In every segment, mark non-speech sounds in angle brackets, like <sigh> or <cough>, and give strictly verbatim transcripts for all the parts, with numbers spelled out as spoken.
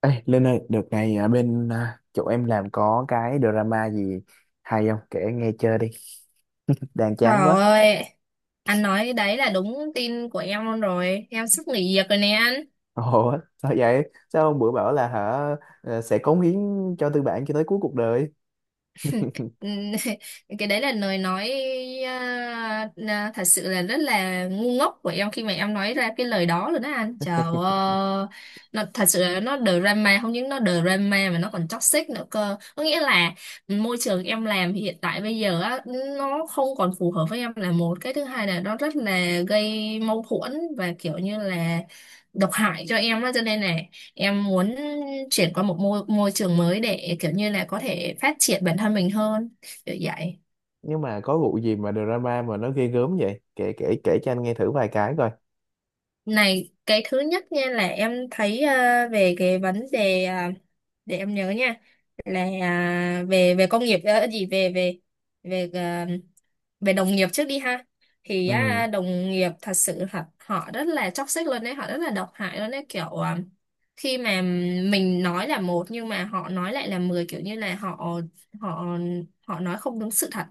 Ê, Linh ơi, đợt này ở bên à, chỗ em làm có cái drama gì hay không? Kể nghe chơi đi, <laughs> đang chán Trời quá. ơi, anh nói cái đấy là đúng tin của em luôn rồi. Em sắp nghỉ việc rồi nè anh. Ồ, <laughs> sao vậy? Sao hôm bữa bảo là hả ờ, sẽ cống hiến cho tư bản cho tới cuối cuộc đời. Ừm, <laughs> cái đấy là lời nói à, à, thật sự là rất là ngu ngốc của em khi mà em nói ra cái lời đó rồi đó anh. Trời ơi, nó thật sự là nó drama, không những nó drama mà nó còn toxic nữa cơ, có nghĩa là môi trường em làm hiện tại bây giờ á nó không còn phù hợp với em là một, cái thứ hai là nó rất là gây mâu thuẫn và kiểu như là độc hại cho em á. Cho nên là em muốn chuyển qua một môi môi trường mới để kiểu như là có thể phát triển bản thân mình hơn, kiểu vậy. Nhưng mà có vụ gì mà drama mà nó ghê gớm vậy? Kể kể kể cho anh nghe thử vài cái coi. Này, cái thứ nhất nha là em thấy ờ, về cái vấn đề, ờ, để em nhớ nha, là ờ, về về công nghiệp ờ, gì về về về ờ, về đồng nghiệp trước đi ha. Thì Ừ, á, đồng nghiệp thật sự họ, họ rất là toxic luôn đấy, họ rất là độc hại luôn đấy, kiểu ờ, khi mà mình nói là một nhưng mà họ nói lại là mười, kiểu như là họ họ họ nói không đúng sự thật.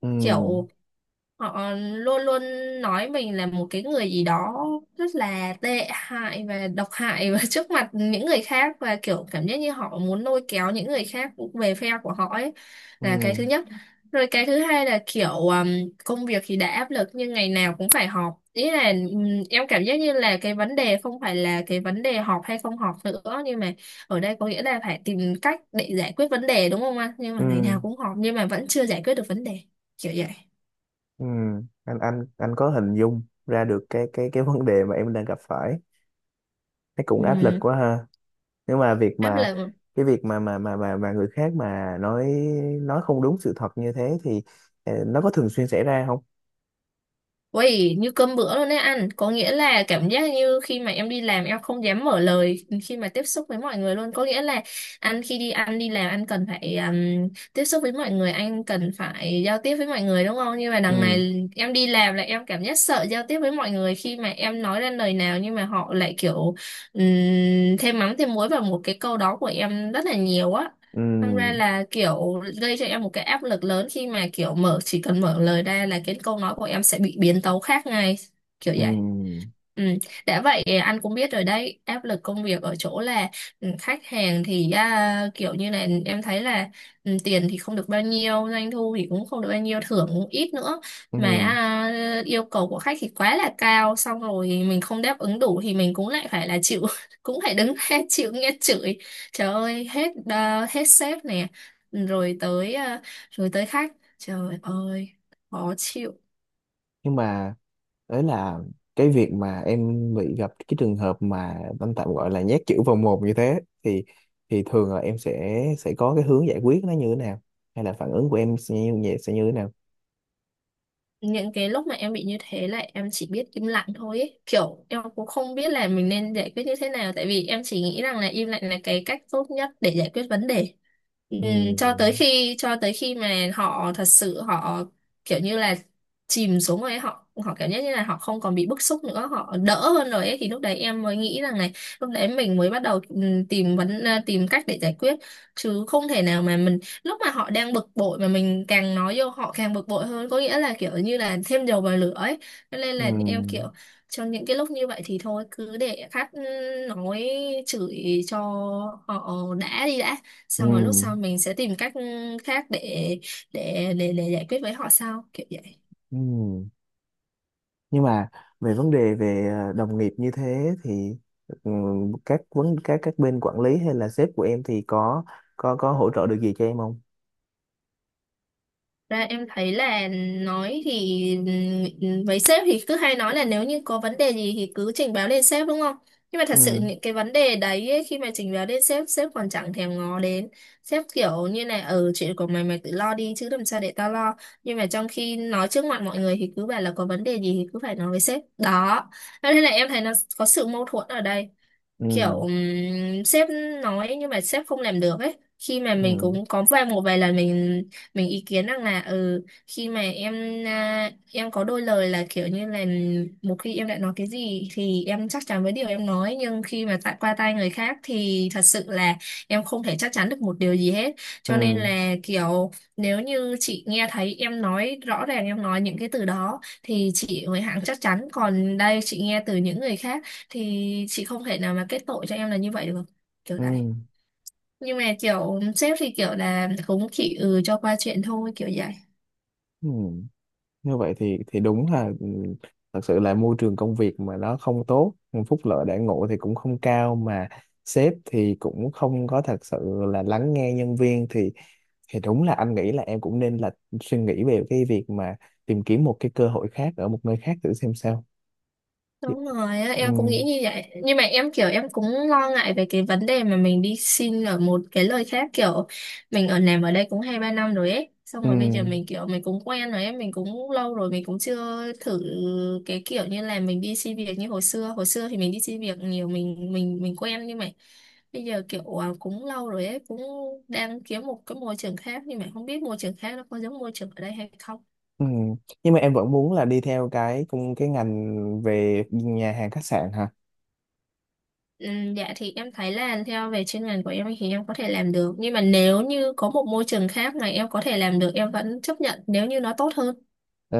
ừ, Kiểu họ luôn luôn nói mình là một cái người gì đó rất là tệ hại và độc hại, và <laughs> trước mặt những người khác, và kiểu cảm giác như họ muốn lôi kéo những người khác về phe của họ ấy, là cái ừ, thứ nhất. Rồi cái thứ hai là kiểu um, công việc thì đã áp lực nhưng ngày nào cũng phải họp, ý là ừm, em cảm giác như là cái vấn đề không phải là cái vấn đề họp hay không họp nữa, nhưng mà ở đây có nghĩa là phải tìm cách để giải quyết vấn đề, đúng không anh, nhưng mà ngày nào ừ, cũng họp nhưng mà vẫn chưa giải quyết được vấn đề, kiểu vậy. ừ. Anh anh anh có hình dung ra được cái cái cái vấn đề mà em đang gặp phải. Thấy cũng Ừ. áp lực quá ha. Nếu mà việc Áp mà lực. cái việc mà mà mà mà, mà người khác mà nói nói không đúng sự thật như thế thì ờ, nó có thường xuyên xảy ra không? Uầy, như cơm bữa luôn đấy anh, có nghĩa là cảm giác như khi mà em đi làm em không dám mở lời khi mà tiếp xúc với mọi người luôn, có nghĩa là anh khi đi ăn đi làm anh cần phải um, tiếp xúc với mọi người, anh cần phải giao tiếp với mọi người đúng không, nhưng mà đằng Ừ, này em đi làm là em cảm giác sợ giao tiếp với mọi người, khi mà em nói ra lời nào nhưng mà họ lại kiểu um, thêm mắm thêm muối vào một cái câu đó của em rất là nhiều á. ừ, Thành ra là kiểu gây cho em một cái áp lực lớn khi mà kiểu mở, chỉ cần mở lời ra là cái câu nói của em sẽ bị biến tấu khác ngay, kiểu vậy. ừ, Ừ. Đã vậy anh cũng biết rồi đấy, áp lực công việc ở chỗ là ừ, khách hàng thì à, kiểu như là em thấy là ừ, tiền thì không được bao nhiêu, doanh thu thì cũng không được bao nhiêu, thưởng cũng ít nữa, mà ừ. à, yêu cầu của khách thì quá là cao, xong rồi mình không đáp ứng đủ thì mình cũng lại phải là chịu, <laughs> cũng phải đứng <laughs> ra chịu nghe chửi. Trời ơi, hết à, hết sếp nè, rồi tới à, rồi tới khách. Trời ơi, khó chịu. Nhưng mà đấy là cái việc mà em bị gặp cái trường hợp mà anh tạm gọi là nhét chữ vào mồm như thế thì thì thường là em sẽ sẽ có cái hướng giải quyết nó như thế nào hay là phản ứng của em sẽ như, sẽ như thế nào Những cái lúc mà em bị như thế là em chỉ biết im lặng thôi ấy. Kiểu em cũng không biết là mình nên giải quyết như thế nào, tại vì em chỉ nghĩ rằng là im lặng là cái cách tốt nhất để giải quyết vấn đề. ừ Ừm, cho tới khi cho tới khi mà họ thật sự họ kiểu như là chìm xuống rồi ấy, họ họ cảm giác như là họ không còn bị bức xúc nữa, họ đỡ hơn rồi ấy, thì lúc đấy em mới nghĩ rằng này, lúc đấy mình mới bắt đầu ừm, tìm vấn à, tìm cách để giải quyết, chứ không thể nào mà mình lúc mà họ đang bực bội mà mình càng nói vô họ càng bực bội hơn, có nghĩa là kiểu như là thêm dầu vào lửa ấy. Cho nên là em kiểu ừ trong những cái lúc như vậy thì thôi cứ để khách nói chửi cho họ đã đi đã, ừ xong rồi lúc sau mình sẽ tìm cách ừ, khác để để để để giải quyết với họ sau, kiểu vậy. ừ nhưng mà về vấn đề về ờ, đồng nghiệp như thế thì ừ, các vấn các các bên quản lý hay là sếp của em thì có có có hỗ trợ được gì cho em không? Ra em thấy là nói thì ừm, với sếp thì cứ hay nói là nếu như có vấn đề gì thì cứ trình báo lên sếp, đúng không? Nhưng mà thật sự Ừ, những cái vấn đề đấy ấy, khi mà trình báo lên sếp, sếp còn chẳng thèm ngó đến. Sếp kiểu như này, ừ chuyện của mày mày tự lo đi chứ làm sao để tao lo. Nhưng mà trong khi nói trước mặt mọi người thì cứ bảo là có vấn đề gì thì cứ phải nói với sếp. Đó. Thế nên là em thấy nó có sự mâu thuẫn ở đây, kiểu ừ, ừm, sếp nói nhưng mà sếp không làm được ấy, khi mà mình ừ, cũng có vài một vài lần mình mình ý kiến rằng là ừ khi mà em à, em có đôi lời là kiểu như là một khi em đã nói cái gì thì em chắc chắn với điều em nói, nhưng khi mà tại qua tay người khác thì thật sự là em không thể chắc chắn được một điều gì hết. Cho nên ừ, là kiểu nếu như chị nghe thấy em nói rõ ràng, em nói những cái từ đó thì chị mới hẳn chắc chắn, còn đây chị nghe từ những người khác thì chị không thể nào mà kết tội cho em là như vậy được, kiểu này. ừ, Nhưng mà kiểu sếp thì kiểu là cũng chỉ ừ cho qua chuyện thôi, kiểu vậy. ừ. Như vậy thì thì đúng là ừ, thật sự là môi trường công việc mà nó không tốt, phúc lợi đãi ngộ thì cũng không cao, mà sếp thì cũng không có thật sự là lắng nghe nhân viên, thì thì đúng là anh nghĩ là em cũng nên là suy nghĩ về cái việc mà tìm kiếm một cái cơ hội khác ở một nơi khác thử xem sao. Chứ- Đúng rồi á, ừ, em cũng nghĩ như vậy. Nhưng mà em kiểu em cũng lo ngại về cái vấn đề mà mình đi xin ở một cái nơi khác, kiểu mình ở làm ở đây cũng hai ba năm rồi ấy. Xong ừ, rồi bây giờ mình kiểu mình cũng quen rồi ấy, mình cũng lâu rồi mình cũng chưa thử cái kiểu như là mình đi xin việc như hồi xưa. Hồi xưa thì mình đi xin việc nhiều, mình mình mình quen, nhưng mà bây giờ kiểu à, cũng lâu rồi ấy, cũng đang kiếm một cái môi trường khác nhưng mà không biết môi trường khác nó có giống môi trường ở đây hay không. ừ. Nhưng mà em vẫn muốn là đi theo cái cùng cái ngành về nhà hàng khách sạn hả? Ừm, Dạ thì em thấy là theo về chuyên ngành của em thì em có thể làm được, nhưng mà nếu như có một môi trường khác mà em có thể làm được em vẫn chấp nhận nếu như nó tốt hơn. Ờ,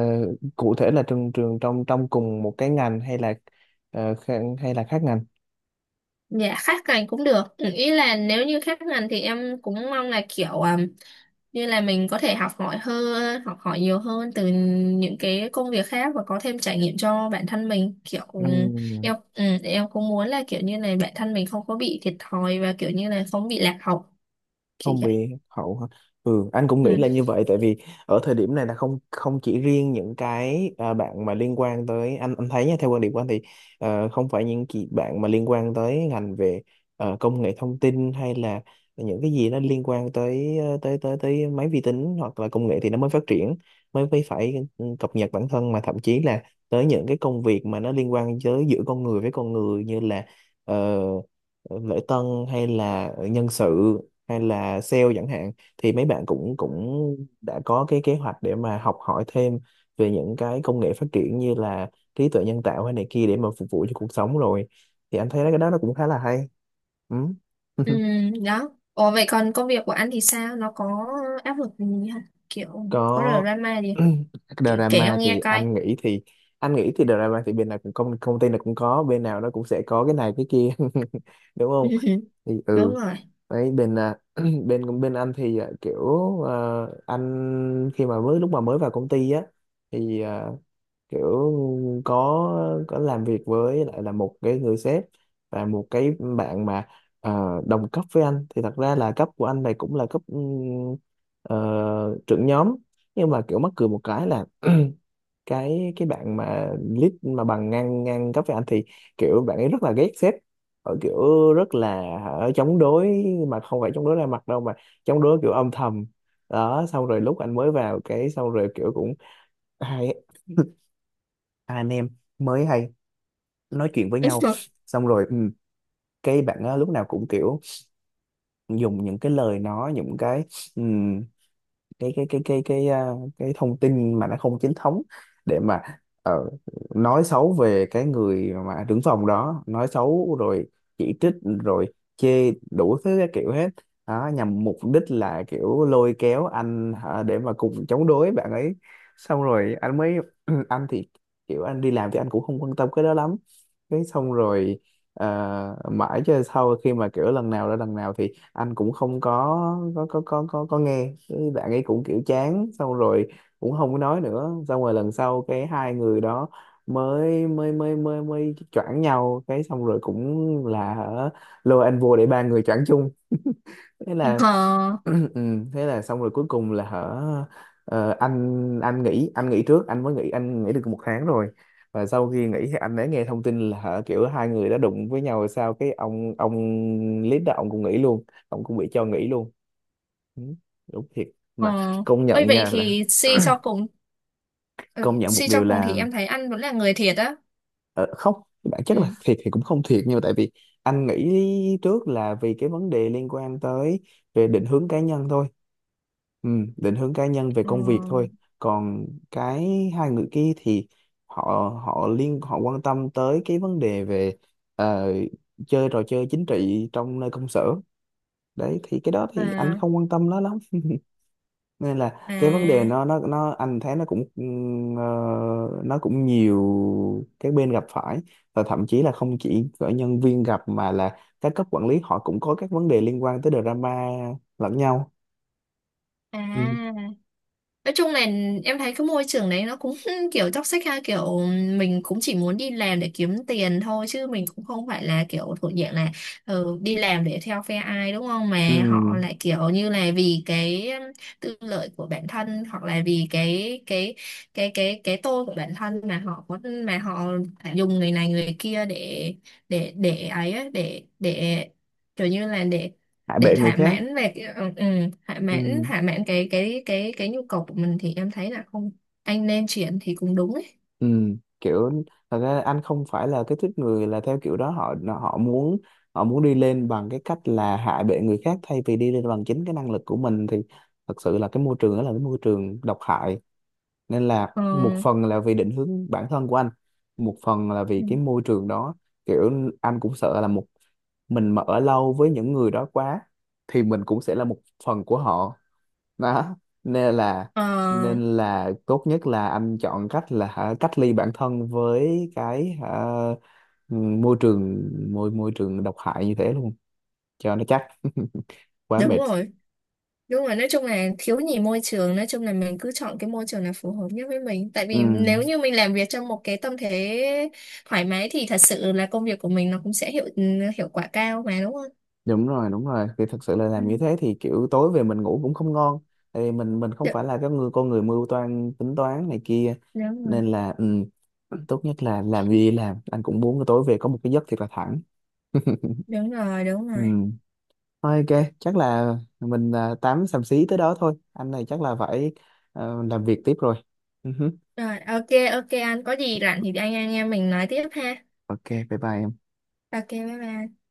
cụ thể là trường trường trong trong cùng một cái ngành hay là ờ, kha- hay là khác ngành? Dạ khác ngành cũng được. Ừ, ý là nếu như khác ngành thì em cũng mong là kiểu ừm, như là mình có thể học hỏi hơn, học hỏi nhiều hơn từ những cái công việc khác và có thêm trải nghiệm cho bản thân mình, kiểu Ừ. ừm, em ừm, em cũng muốn là kiểu như này bản thân mình không có bị thiệt thòi và kiểu như là không bị lạc hậu, kiểu Không vậy. bị hậu hả? Ừ, anh cũng nghĩ Ừ. là như vậy, tại vì ở thời điểm này là không không chỉ riêng những cái à, bạn mà liên quan tới anh anh thấy nha, theo quan điểm của anh thì ờ, không phải những chị bạn mà liên quan tới ngành về ờ, công nghệ thông tin hay là những cái gì nó liên quan tới ờ, tới tới tới máy vi tính hoặc là công nghệ thì nó mới phát triển, mới mới phải cập nhật bản thân, mà thậm chí là tới những cái công việc mà nó liên quan tới giữa con người với con người như là ờ, lễ tân hay là nhân sự hay là sale chẳng hạn, thì mấy bạn cũng cũng đã có cái kế hoạch để mà học hỏi thêm về những cái công nghệ phát triển như là trí tuệ nhân tạo hay này kia để mà phục vụ cho cuộc sống rồi, thì anh thấy cái đó nó cũng khá là hay. Ừ. Ừ, <laughs> đó. Ủa vậy còn công việc của anh thì sao? Nó có áp lực gì không? Kiểu có Có. drama gì? <clears throat> Kể, kể em Drama thì nghe coi. anh nghĩ thì anh nghĩ thì drama thì bên nào cũng công công ty nào cũng có, bên nào nó cũng sẽ có cái này cái kia <laughs> đúng không? <laughs> Thì Đúng ừ, rồi. đấy bên à, <clears throat> bên bên anh thì à, kiểu à, anh khi mà mới lúc mà mới vào công ty á thì à, kiểu có có làm việc với lại là một cái người sếp và một cái bạn mà ờ, đồng cấp với anh, thì thật ra là cấp của anh này cũng là cấp ừm, ờ, trưởng nhóm, nhưng mà kiểu mắc cười một cái là <clears throat> cái cái bạn mà lead mà bằng ngang ngang cấp với anh thì kiểu bạn ấy rất là ghét sếp, ở kiểu rất là ở chống đối, mà không phải chống đối ra mặt đâu mà chống đối kiểu âm thầm đó, xong rồi lúc anh mới vào cái xong rồi kiểu cũng hai <laughs> hai anh em mới hay nói chuyện với nhau, <laughs> xong rồi ừ, cái bạn á, lúc nào cũng kiểu dùng những cái lời nói những cái cái cái cái cái cái à, cái thông tin mà nó không chính thống để mà ờ, nói xấu về cái người mà đứng phòng đó, nói xấu rồi chỉ trích rồi chê đủ thứ các kiểu hết đó, nhằm mục đích là kiểu lôi kéo anh hả, để mà cùng chống đối bạn ấy, xong rồi anh mới <clears throat> anh thì kiểu anh đi làm thì anh cũng không quan tâm cái đó lắm, cái xong rồi ờ, mãi cho sau khi mà kiểu lần nào đó lần nào thì anh cũng không có có có có có, có nghe cái bạn ấy cũng kiểu chán, xong rồi cũng không có nói nữa, xong rồi lần sau cái hai người đó mới mới mới mới mới choảng nhau, cái xong rồi cũng là hả, lôi anh vô để ba người choảng chung, thế là Ờ, <clears throat> ừ, thế là xong rồi cuối cùng là hở ờ, anh anh nghỉ, anh nghỉ trước, anh mới nghỉ, anh nghỉ được một tháng rồi, và sau khi nghỉ thì anh đã nghe thông tin là hở kiểu hai người đã đụng với nhau rồi sao, cái ông ông lead đó ông cũng nghỉ luôn, ông cũng bị cho nghỉ luôn. Ừ, đúng thiệt ờ. mà, công Ôi nhận vậy nha là thì suy cho cùng ừ, công nhận một suy cho điều cùng thì là em thấy anh vẫn là người thiệt á. ờ, không, bản chất là Ừ. thiệt thì cũng không thiệt nhưng mà tại vì anh nghĩ trước là vì cái vấn đề liên quan tới về định hướng cá nhân thôi. Ừ, định hướng cá nhân về Ờ, công việc thôi. Còn cái hai người kia thì họ họ liên họ quan tâm tới cái vấn đề về ờ, chơi trò chơi chính trị trong nơi công sở, đấy thì cái đó thì anh à, không quan tâm nó lắm, nên là cái vấn đề à, nó nó nó anh thấy nó cũng ừm, ờ, nó cũng nhiều cái bên gặp phải, và thậm chí là không chỉ cỡ nhân viên gặp mà là các cấp quản lý họ cũng có các vấn đề liên quan tới drama lẫn nhau. Ừ. à. Nói chung là em thấy cái môi trường đấy nó cũng <laughs> kiểu toxic ha, kiểu mình cũng chỉ muốn đi làm để kiếm tiền thôi chứ mình cũng không phải là kiểu thuộc dạng là ừ, đi làm để theo phe ai đúng không, Ừ. mà họ lại kiểu như là vì cái tư lợi của bản thân hoặc là vì cái cái cái cái cái tôi của bản thân mà họ có, mà họ dùng người này người kia để để để ấy á, để để kiểu như là để Hại để bệ người thỏa khác. mãn về cái- ừ, ừ, thỏa Ừ, mãn thỏa mãn cái cái cái cái nhu cầu của mình, thì em thấy là không, anh nên chuyển thì cũng đúng ấy. ừ, kiểu thật ra anh không phải là cái tuýp người là theo kiểu đó, họ họ muốn họ muốn đi lên bằng cái cách là hạ bệ người khác thay vì đi lên bằng chính cái năng lực của mình, thì thật sự là cái môi trường đó là cái môi trường độc hại, nên là Ờ, một phần là vì định hướng bản thân của anh, một phần là vì Ừ. cái môi trường đó, kiểu anh cũng sợ là một mình mà ở lâu với những người đó quá thì mình cũng sẽ là một phần của họ đó, nên là Ờ, nên là tốt nhất là anh chọn cách là hả, cách ly bản thân với cái hả, môi trường môi môi trường độc hại như thế luôn cho nó chắc. <laughs> Quá đúng mệt. rồi, đúng rồi, nói chung là thiếu nhì môi trường, nói chung là mình cứ chọn cái môi trường là phù hợp nhất với mình, tại vì Ừ, nếu như mình làm việc trong một cái tâm thế thoải mái thì thật sự là công việc của mình nó cũng sẽ hiệu ừ, hiệu quả cao mà, đúng không. đúng rồi, đúng rồi, thì thật sự là Ừ. làm như thế thì kiểu tối về mình ngủ cũng không ngon, tại vì mình mình không Đ- phải là cái người con người mưu toan tính toán này kia, Đúng nên rồi, là ừ, tốt nhất là làm gì làm anh cũng muốn tối về có một cái giấc thiệt là thẳng. <laughs> đúng rồi, đúng Ừ. rồi, Thôi ok, chắc là mình à, tám xàm xí tới đó thôi. Anh này chắc là phải ờ, làm việc tiếp rồi. Ừ hứ. rồi ok, ok, anh có gì rảnh thì anh anh em mình nói tiếp ha. Ok, bye bye em. Ok, bye bye.